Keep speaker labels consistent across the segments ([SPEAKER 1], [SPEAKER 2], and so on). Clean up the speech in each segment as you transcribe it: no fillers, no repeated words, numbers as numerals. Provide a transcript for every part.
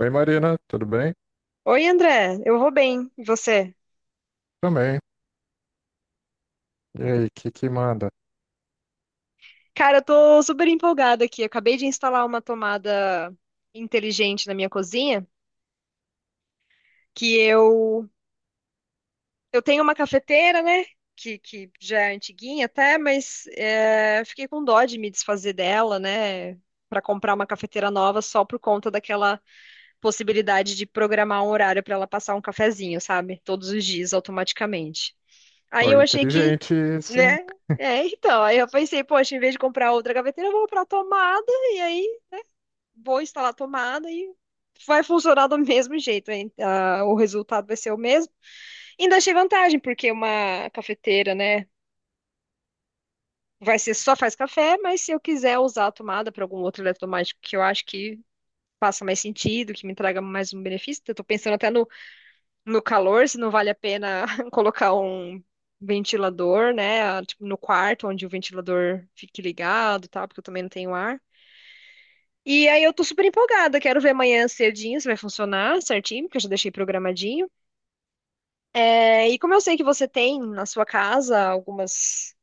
[SPEAKER 1] Oi, Marina, tudo bem?
[SPEAKER 2] Oi, André, eu vou bem, e você?
[SPEAKER 1] Também. E aí, o que que manda?
[SPEAKER 2] Cara, eu tô super empolgada aqui. Eu acabei de instalar uma tomada inteligente na minha cozinha, que eu tenho uma cafeteira, né? Que já é antiguinha até, mas é, fiquei com dó de me desfazer dela, né? Pra comprar uma cafeteira nova só por conta daquela possibilidade de programar um horário pra ela passar um cafezinho, sabe? Todos os dias, automaticamente. Aí
[SPEAKER 1] Foi
[SPEAKER 2] eu achei que,
[SPEAKER 1] inteligente, sim.
[SPEAKER 2] né? É, então, aí eu pensei, poxa, em vez de comprar outra gaveteira, eu vou comprar a tomada e aí vou instalar a tomada e vai funcionar do mesmo jeito, hein? Ah, o resultado vai ser o mesmo. Ainda achei vantagem, porque uma cafeteira, né, vai ser só faz café, mas se eu quiser usar a tomada para algum outro eletrodoméstico que eu acho que faça mais sentido, que me traga mais um benefício, eu tô pensando até no calor, se não vale a pena colocar um ventilador, né? Tipo, no quarto, onde o ventilador fique ligado, e tal, porque eu também não tenho ar. E aí eu tô super empolgada, quero ver amanhã cedinho se vai funcionar certinho, porque eu já deixei programadinho. É, e como eu sei que você tem na sua casa algumas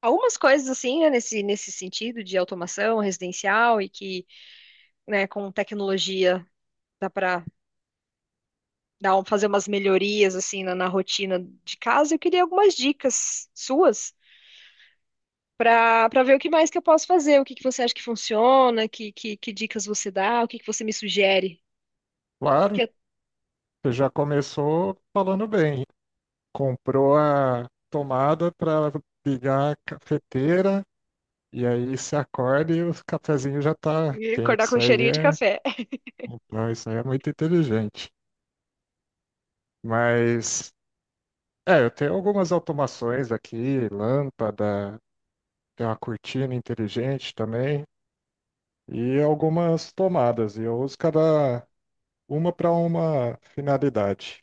[SPEAKER 2] algumas coisas assim, né, nesse sentido de automação residencial e que, né, com tecnologia dá para fazer umas melhorias assim na, na rotina de casa, eu queria algumas dicas suas para ver o que mais que eu posso fazer, o que que você acha que funciona, que dicas você dá, o que que você me sugere.
[SPEAKER 1] Claro,
[SPEAKER 2] Porque
[SPEAKER 1] você já começou falando bem. Comprou a tomada para ligar a cafeteira e aí se acorda e o cafezinho já tá quente.
[SPEAKER 2] acordar com cheirinho de café.
[SPEAKER 1] Isso aí é muito inteligente. Mas, eu tenho algumas automações aqui, lâmpada, tem uma cortina inteligente também e algumas tomadas. E eu uso cada uma para uma finalidade.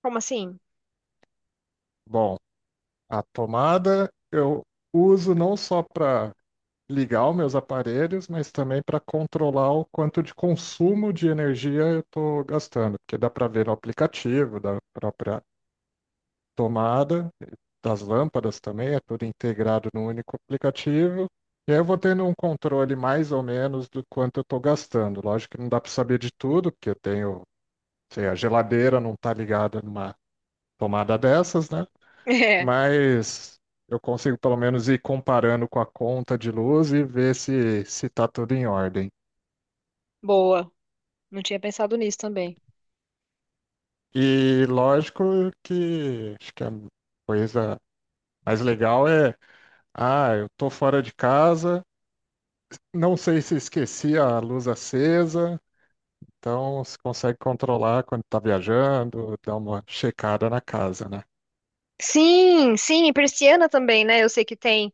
[SPEAKER 2] Como assim?
[SPEAKER 1] Bom, a tomada eu uso não só para ligar os meus aparelhos, mas também para controlar o quanto de consumo de energia eu estou gastando, porque dá para ver no aplicativo da própria tomada, das lâmpadas também, é tudo integrado num único aplicativo. E aí eu vou tendo um controle mais ou menos do quanto eu estou gastando. Lógico que não dá para saber de tudo, porque eu tenho, sei, a geladeira não está ligada numa tomada dessas, né?
[SPEAKER 2] É,
[SPEAKER 1] Mas eu consigo pelo menos ir comparando com a conta de luz e ver se tá tudo em ordem.
[SPEAKER 2] boa. Não tinha pensado nisso também.
[SPEAKER 1] E lógico que acho que a coisa mais legal é, ah, eu tô fora de casa, não sei se esqueci a luz acesa, então você consegue controlar quando tá viajando, dar uma checada na casa, né?
[SPEAKER 2] Sim, sim, e persiana também, né? Eu sei que tem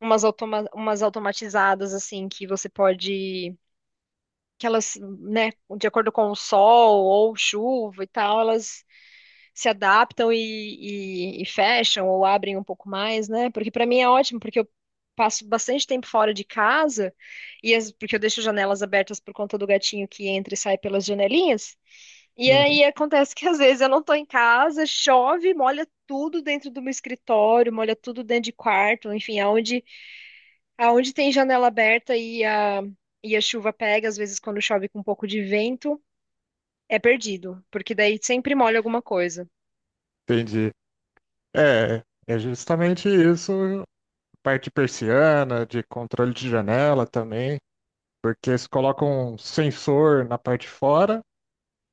[SPEAKER 2] umas, automa umas automatizadas, assim, que você pode. Que elas, né, de acordo com o sol ou chuva e tal, elas se adaptam e, e fecham ou abrem um pouco mais, né? Porque para mim é ótimo, porque eu passo bastante tempo fora de casa e porque eu deixo janelas abertas por conta do gatinho que entra e sai pelas janelinhas. E
[SPEAKER 1] Uhum.
[SPEAKER 2] aí acontece que às vezes eu não tô em casa, chove, molha tudo dentro do meu escritório, molha tudo dentro de quarto, enfim, aonde tem janela aberta e a chuva pega, às vezes quando chove com um pouco de vento, é perdido, porque daí sempre molha alguma coisa.
[SPEAKER 1] Entendi. É, é justamente isso, parte de persiana, de controle de janela também. Porque eles colocam um sensor na parte de fora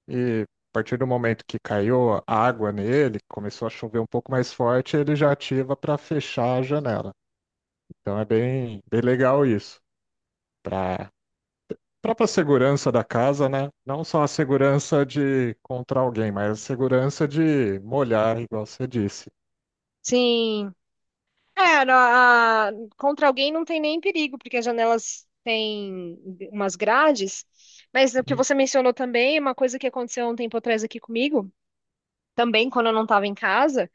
[SPEAKER 1] e a partir do momento que caiu a água nele, começou a chover um pouco mais forte, ele já ativa para fechar a janela. Então é bem, bem legal isso. Para própria segurança da casa, né? Não só a segurança de contra alguém, mas a segurança de molhar, igual você disse.
[SPEAKER 2] Sim. Contra alguém não tem nem perigo, porque as janelas têm umas grades. Mas o que você mencionou também, uma coisa que aconteceu há um tempo atrás aqui comigo, também quando eu não estava em casa,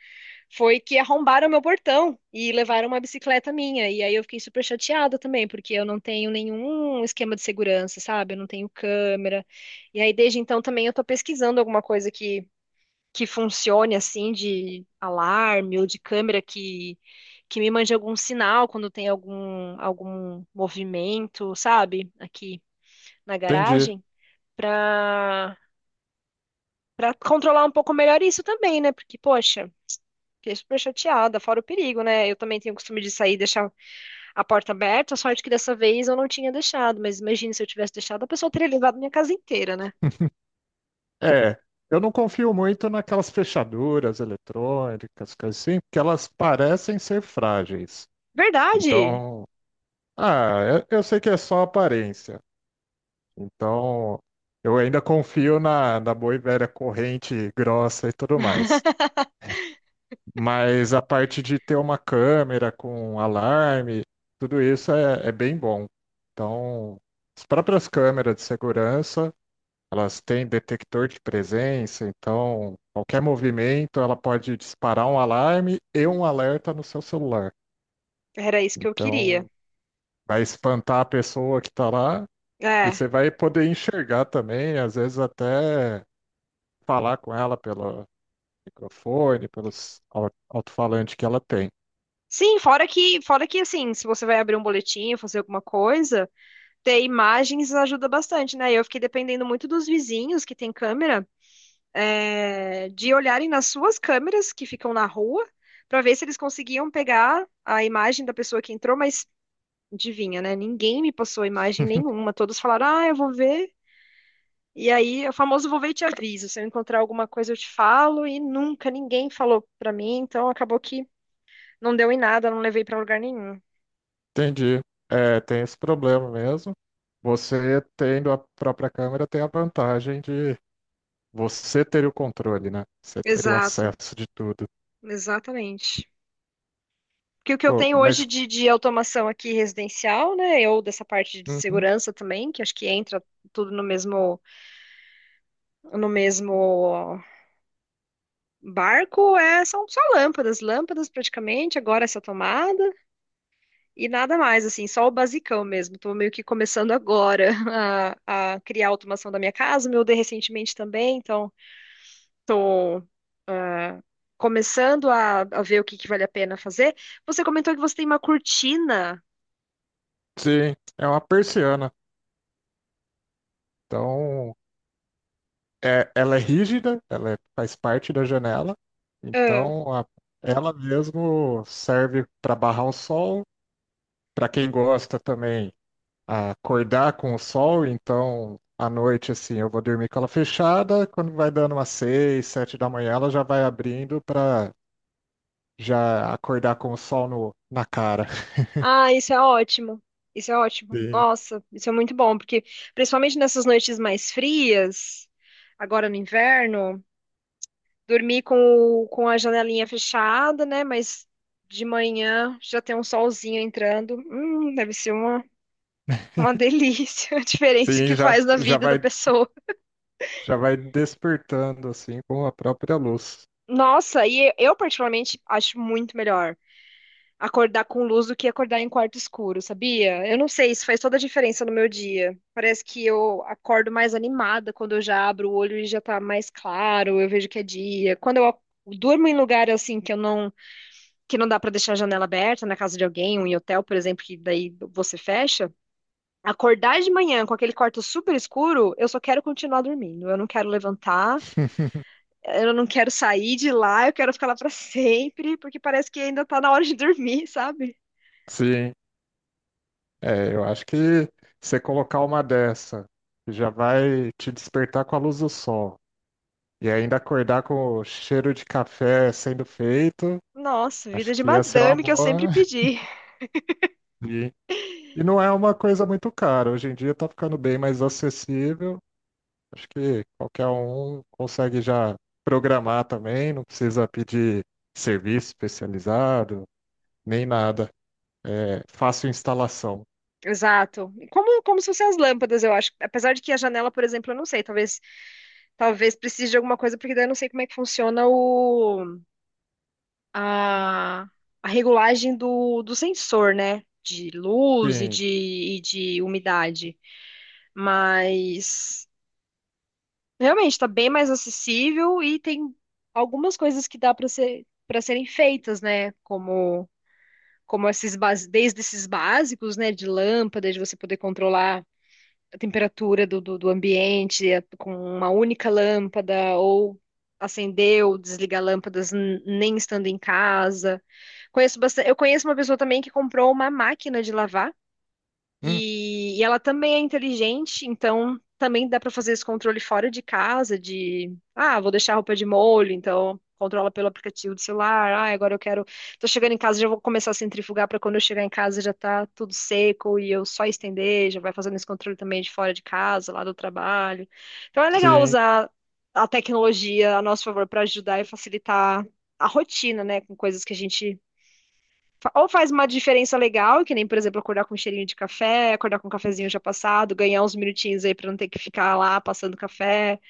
[SPEAKER 2] foi que arrombaram meu portão e levaram uma bicicleta minha. E aí eu fiquei super chateada também, porque eu não tenho nenhum esquema de segurança, sabe? Eu não tenho câmera. E aí desde então também eu tô pesquisando alguma coisa que funcione assim de alarme ou de câmera que me mande algum sinal quando tem algum movimento, sabe? Aqui na
[SPEAKER 1] Entendi.
[SPEAKER 2] garagem para para controlar um pouco melhor isso também, né? Porque poxa, fiquei super chateada, fora o perigo, né? Eu também tenho o costume de sair e deixar a porta aberta, a sorte que dessa vez eu não tinha deixado, mas imagina se eu tivesse deixado, a pessoa teria levado minha casa inteira, né?
[SPEAKER 1] É, eu não confio muito naquelas fechaduras eletrônicas, coisas assim, porque elas parecem ser frágeis.
[SPEAKER 2] Verdade.
[SPEAKER 1] Então, ah, eu sei que é só aparência. Então, eu ainda confio na, na boa e velha corrente grossa e tudo mais. Mas a parte de ter uma câmera com alarme, tudo isso é, é bem bom. Então, as próprias câmeras de segurança, elas têm detector de presença, então qualquer movimento ela pode disparar um alarme e um alerta no seu celular.
[SPEAKER 2] Era isso que eu
[SPEAKER 1] Então,
[SPEAKER 2] queria.
[SPEAKER 1] vai espantar a pessoa que está lá. E
[SPEAKER 2] É.
[SPEAKER 1] você vai poder enxergar também, às vezes até falar com ela pelo microfone, alto-falante que ela tem.
[SPEAKER 2] Sim, fora que assim, se você vai abrir um boletim, fazer alguma coisa, ter imagens ajuda bastante, né? Eu fiquei dependendo muito dos vizinhos que têm câmera, é, de olharem nas suas câmeras que ficam na rua, para ver se eles conseguiam pegar a imagem da pessoa que entrou, mas adivinha, né? Ninguém me passou imagem nenhuma. Todos falaram, ah, eu vou ver. E aí, o famoso vou ver e te aviso. Se eu encontrar alguma coisa, eu te falo. E nunca ninguém falou pra mim, então acabou que não deu em nada, não levei pra lugar nenhum.
[SPEAKER 1] Entendi. É, tem esse problema mesmo. Você tendo a própria câmera tem a vantagem de você ter o controle, né? Você ter o
[SPEAKER 2] Exato.
[SPEAKER 1] acesso de tudo.
[SPEAKER 2] Exatamente. Porque o que eu
[SPEAKER 1] Pô,
[SPEAKER 2] tenho hoje
[SPEAKER 1] mas
[SPEAKER 2] de automação aqui residencial, né, ou dessa parte de
[SPEAKER 1] uhum,
[SPEAKER 2] segurança também, que acho que entra tudo no mesmo, no mesmo barco, é, são só lâmpadas, lâmpadas praticamente, agora essa tomada, e nada mais, assim, só o basicão mesmo. Estou meio que começando agora a criar a automação da minha casa, meu de recentemente também, então estou começando a ver o que que vale a pena fazer. Você comentou que você tem uma cortina.
[SPEAKER 1] sim, é uma persiana. Então é, ela é rígida, faz parte da janela, então a- ela mesmo serve para barrar o sol. Para quem gosta também acordar com o sol, então à noite assim eu vou dormir com ela fechada. Quando vai dando umas 6, 7 da manhã, ela já vai abrindo para já acordar com o sol no, na cara.
[SPEAKER 2] Ah, isso é ótimo. Isso é ótimo.
[SPEAKER 1] Sim,
[SPEAKER 2] Nossa, isso é muito bom, porque principalmente nessas noites mais frias, agora no inverno, dormir com, com a janelinha fechada, né? Mas de manhã já tem um solzinho entrando. Deve ser uma delícia a diferença
[SPEAKER 1] sim,
[SPEAKER 2] que faz na vida da pessoa.
[SPEAKER 1] já vai despertando assim com a própria luz.
[SPEAKER 2] Nossa, e eu particularmente acho muito melhor acordar com luz do que acordar em quarto escuro, sabia? Eu não sei, isso faz toda a diferença no meu dia. Parece que eu acordo mais animada quando eu já abro o olho e já tá mais claro, eu vejo que é dia. Durmo em lugar assim que eu não que não dá pra deixar a janela aberta, na casa de alguém, ou em hotel, por exemplo, que daí você fecha, acordar de manhã com aquele quarto super escuro, eu só quero continuar dormindo. Eu não quero levantar, eu não quero sair de lá, eu quero ficar lá pra sempre, porque parece que ainda tá na hora de dormir, sabe?
[SPEAKER 1] Sim. É, eu acho que você colocar uma dessa, que já vai te despertar com a luz do sol, e ainda acordar com o cheiro de café sendo feito,
[SPEAKER 2] Nossa, vida
[SPEAKER 1] acho
[SPEAKER 2] de
[SPEAKER 1] que ia ser uma
[SPEAKER 2] madame que eu sempre
[SPEAKER 1] boa.
[SPEAKER 2] pedi.
[SPEAKER 1] E, e não é uma coisa muito cara. Hoje em dia tá ficando bem mais acessível. Acho que qualquer um consegue já programar também, não precisa pedir serviço especializado, nem nada. É fácil instalação.
[SPEAKER 2] Exato. Como, como se fossem as lâmpadas, eu acho. Apesar de que a janela, por exemplo, eu não sei. Talvez, talvez precise de alguma coisa, porque daí eu não sei como é que funciona a, a regulagem do sensor, né? De luz
[SPEAKER 1] Sim.
[SPEAKER 2] e de umidade. Mas realmente tá bem mais acessível e tem algumas coisas que dá para serem feitas, né? Como como desde esses básicos, né, de lâmpada, de você poder controlar a temperatura do ambiente com uma única lâmpada, ou acender ou desligar lâmpadas nem estando em casa. Conheço bastante, eu conheço uma pessoa também que comprou uma máquina de lavar
[SPEAKER 1] Hum.
[SPEAKER 2] e ela também é inteligente, então também dá para fazer esse controle fora de casa, de, ah, vou deixar a roupa de molho, então controla pelo aplicativo do celular. Ah, agora eu quero, tô chegando em casa, já vou começar a centrifugar para quando eu chegar em casa já tá tudo seco e eu só estender, já vai fazendo esse controle também de fora de casa, lá do trabalho. Então é legal
[SPEAKER 1] Sim.
[SPEAKER 2] usar a tecnologia a nosso favor para ajudar e facilitar a rotina, né, com coisas que a gente ou faz uma diferença legal, que nem, por exemplo, acordar com um cheirinho de café, acordar com um cafezinho já passado, ganhar uns minutinhos aí pra não ter que ficar lá passando café,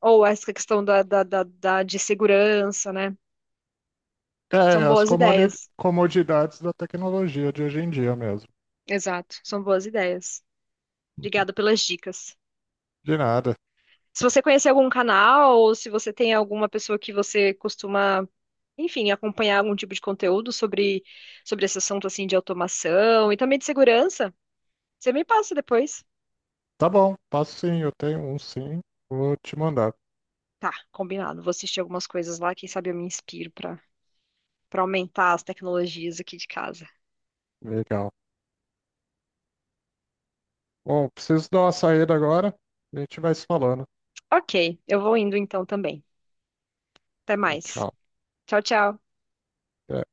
[SPEAKER 2] ou essa questão de segurança, né?
[SPEAKER 1] É,
[SPEAKER 2] São
[SPEAKER 1] as
[SPEAKER 2] boas ideias.
[SPEAKER 1] comodidades da tecnologia de hoje em dia mesmo.
[SPEAKER 2] Exato, são boas ideias. Obrigada pelas dicas.
[SPEAKER 1] De nada.
[SPEAKER 2] Se você conhece algum canal, ou se você tem alguma pessoa que você costuma, enfim, acompanhar algum tipo de conteúdo sobre, sobre esse assunto assim de automação e também de segurança, você me passa depois.
[SPEAKER 1] Tá bom, passo sim, eu tenho um sim, vou te mandar.
[SPEAKER 2] Tá, combinado. Vou assistir algumas coisas lá, quem sabe eu me inspiro para aumentar as tecnologias aqui de casa.
[SPEAKER 1] Legal. Bom, preciso dar uma saída agora, a gente vai se falando.
[SPEAKER 2] Ok, eu vou indo então também. Até mais.
[SPEAKER 1] Tchau.
[SPEAKER 2] Tchau, tchau.
[SPEAKER 1] Até.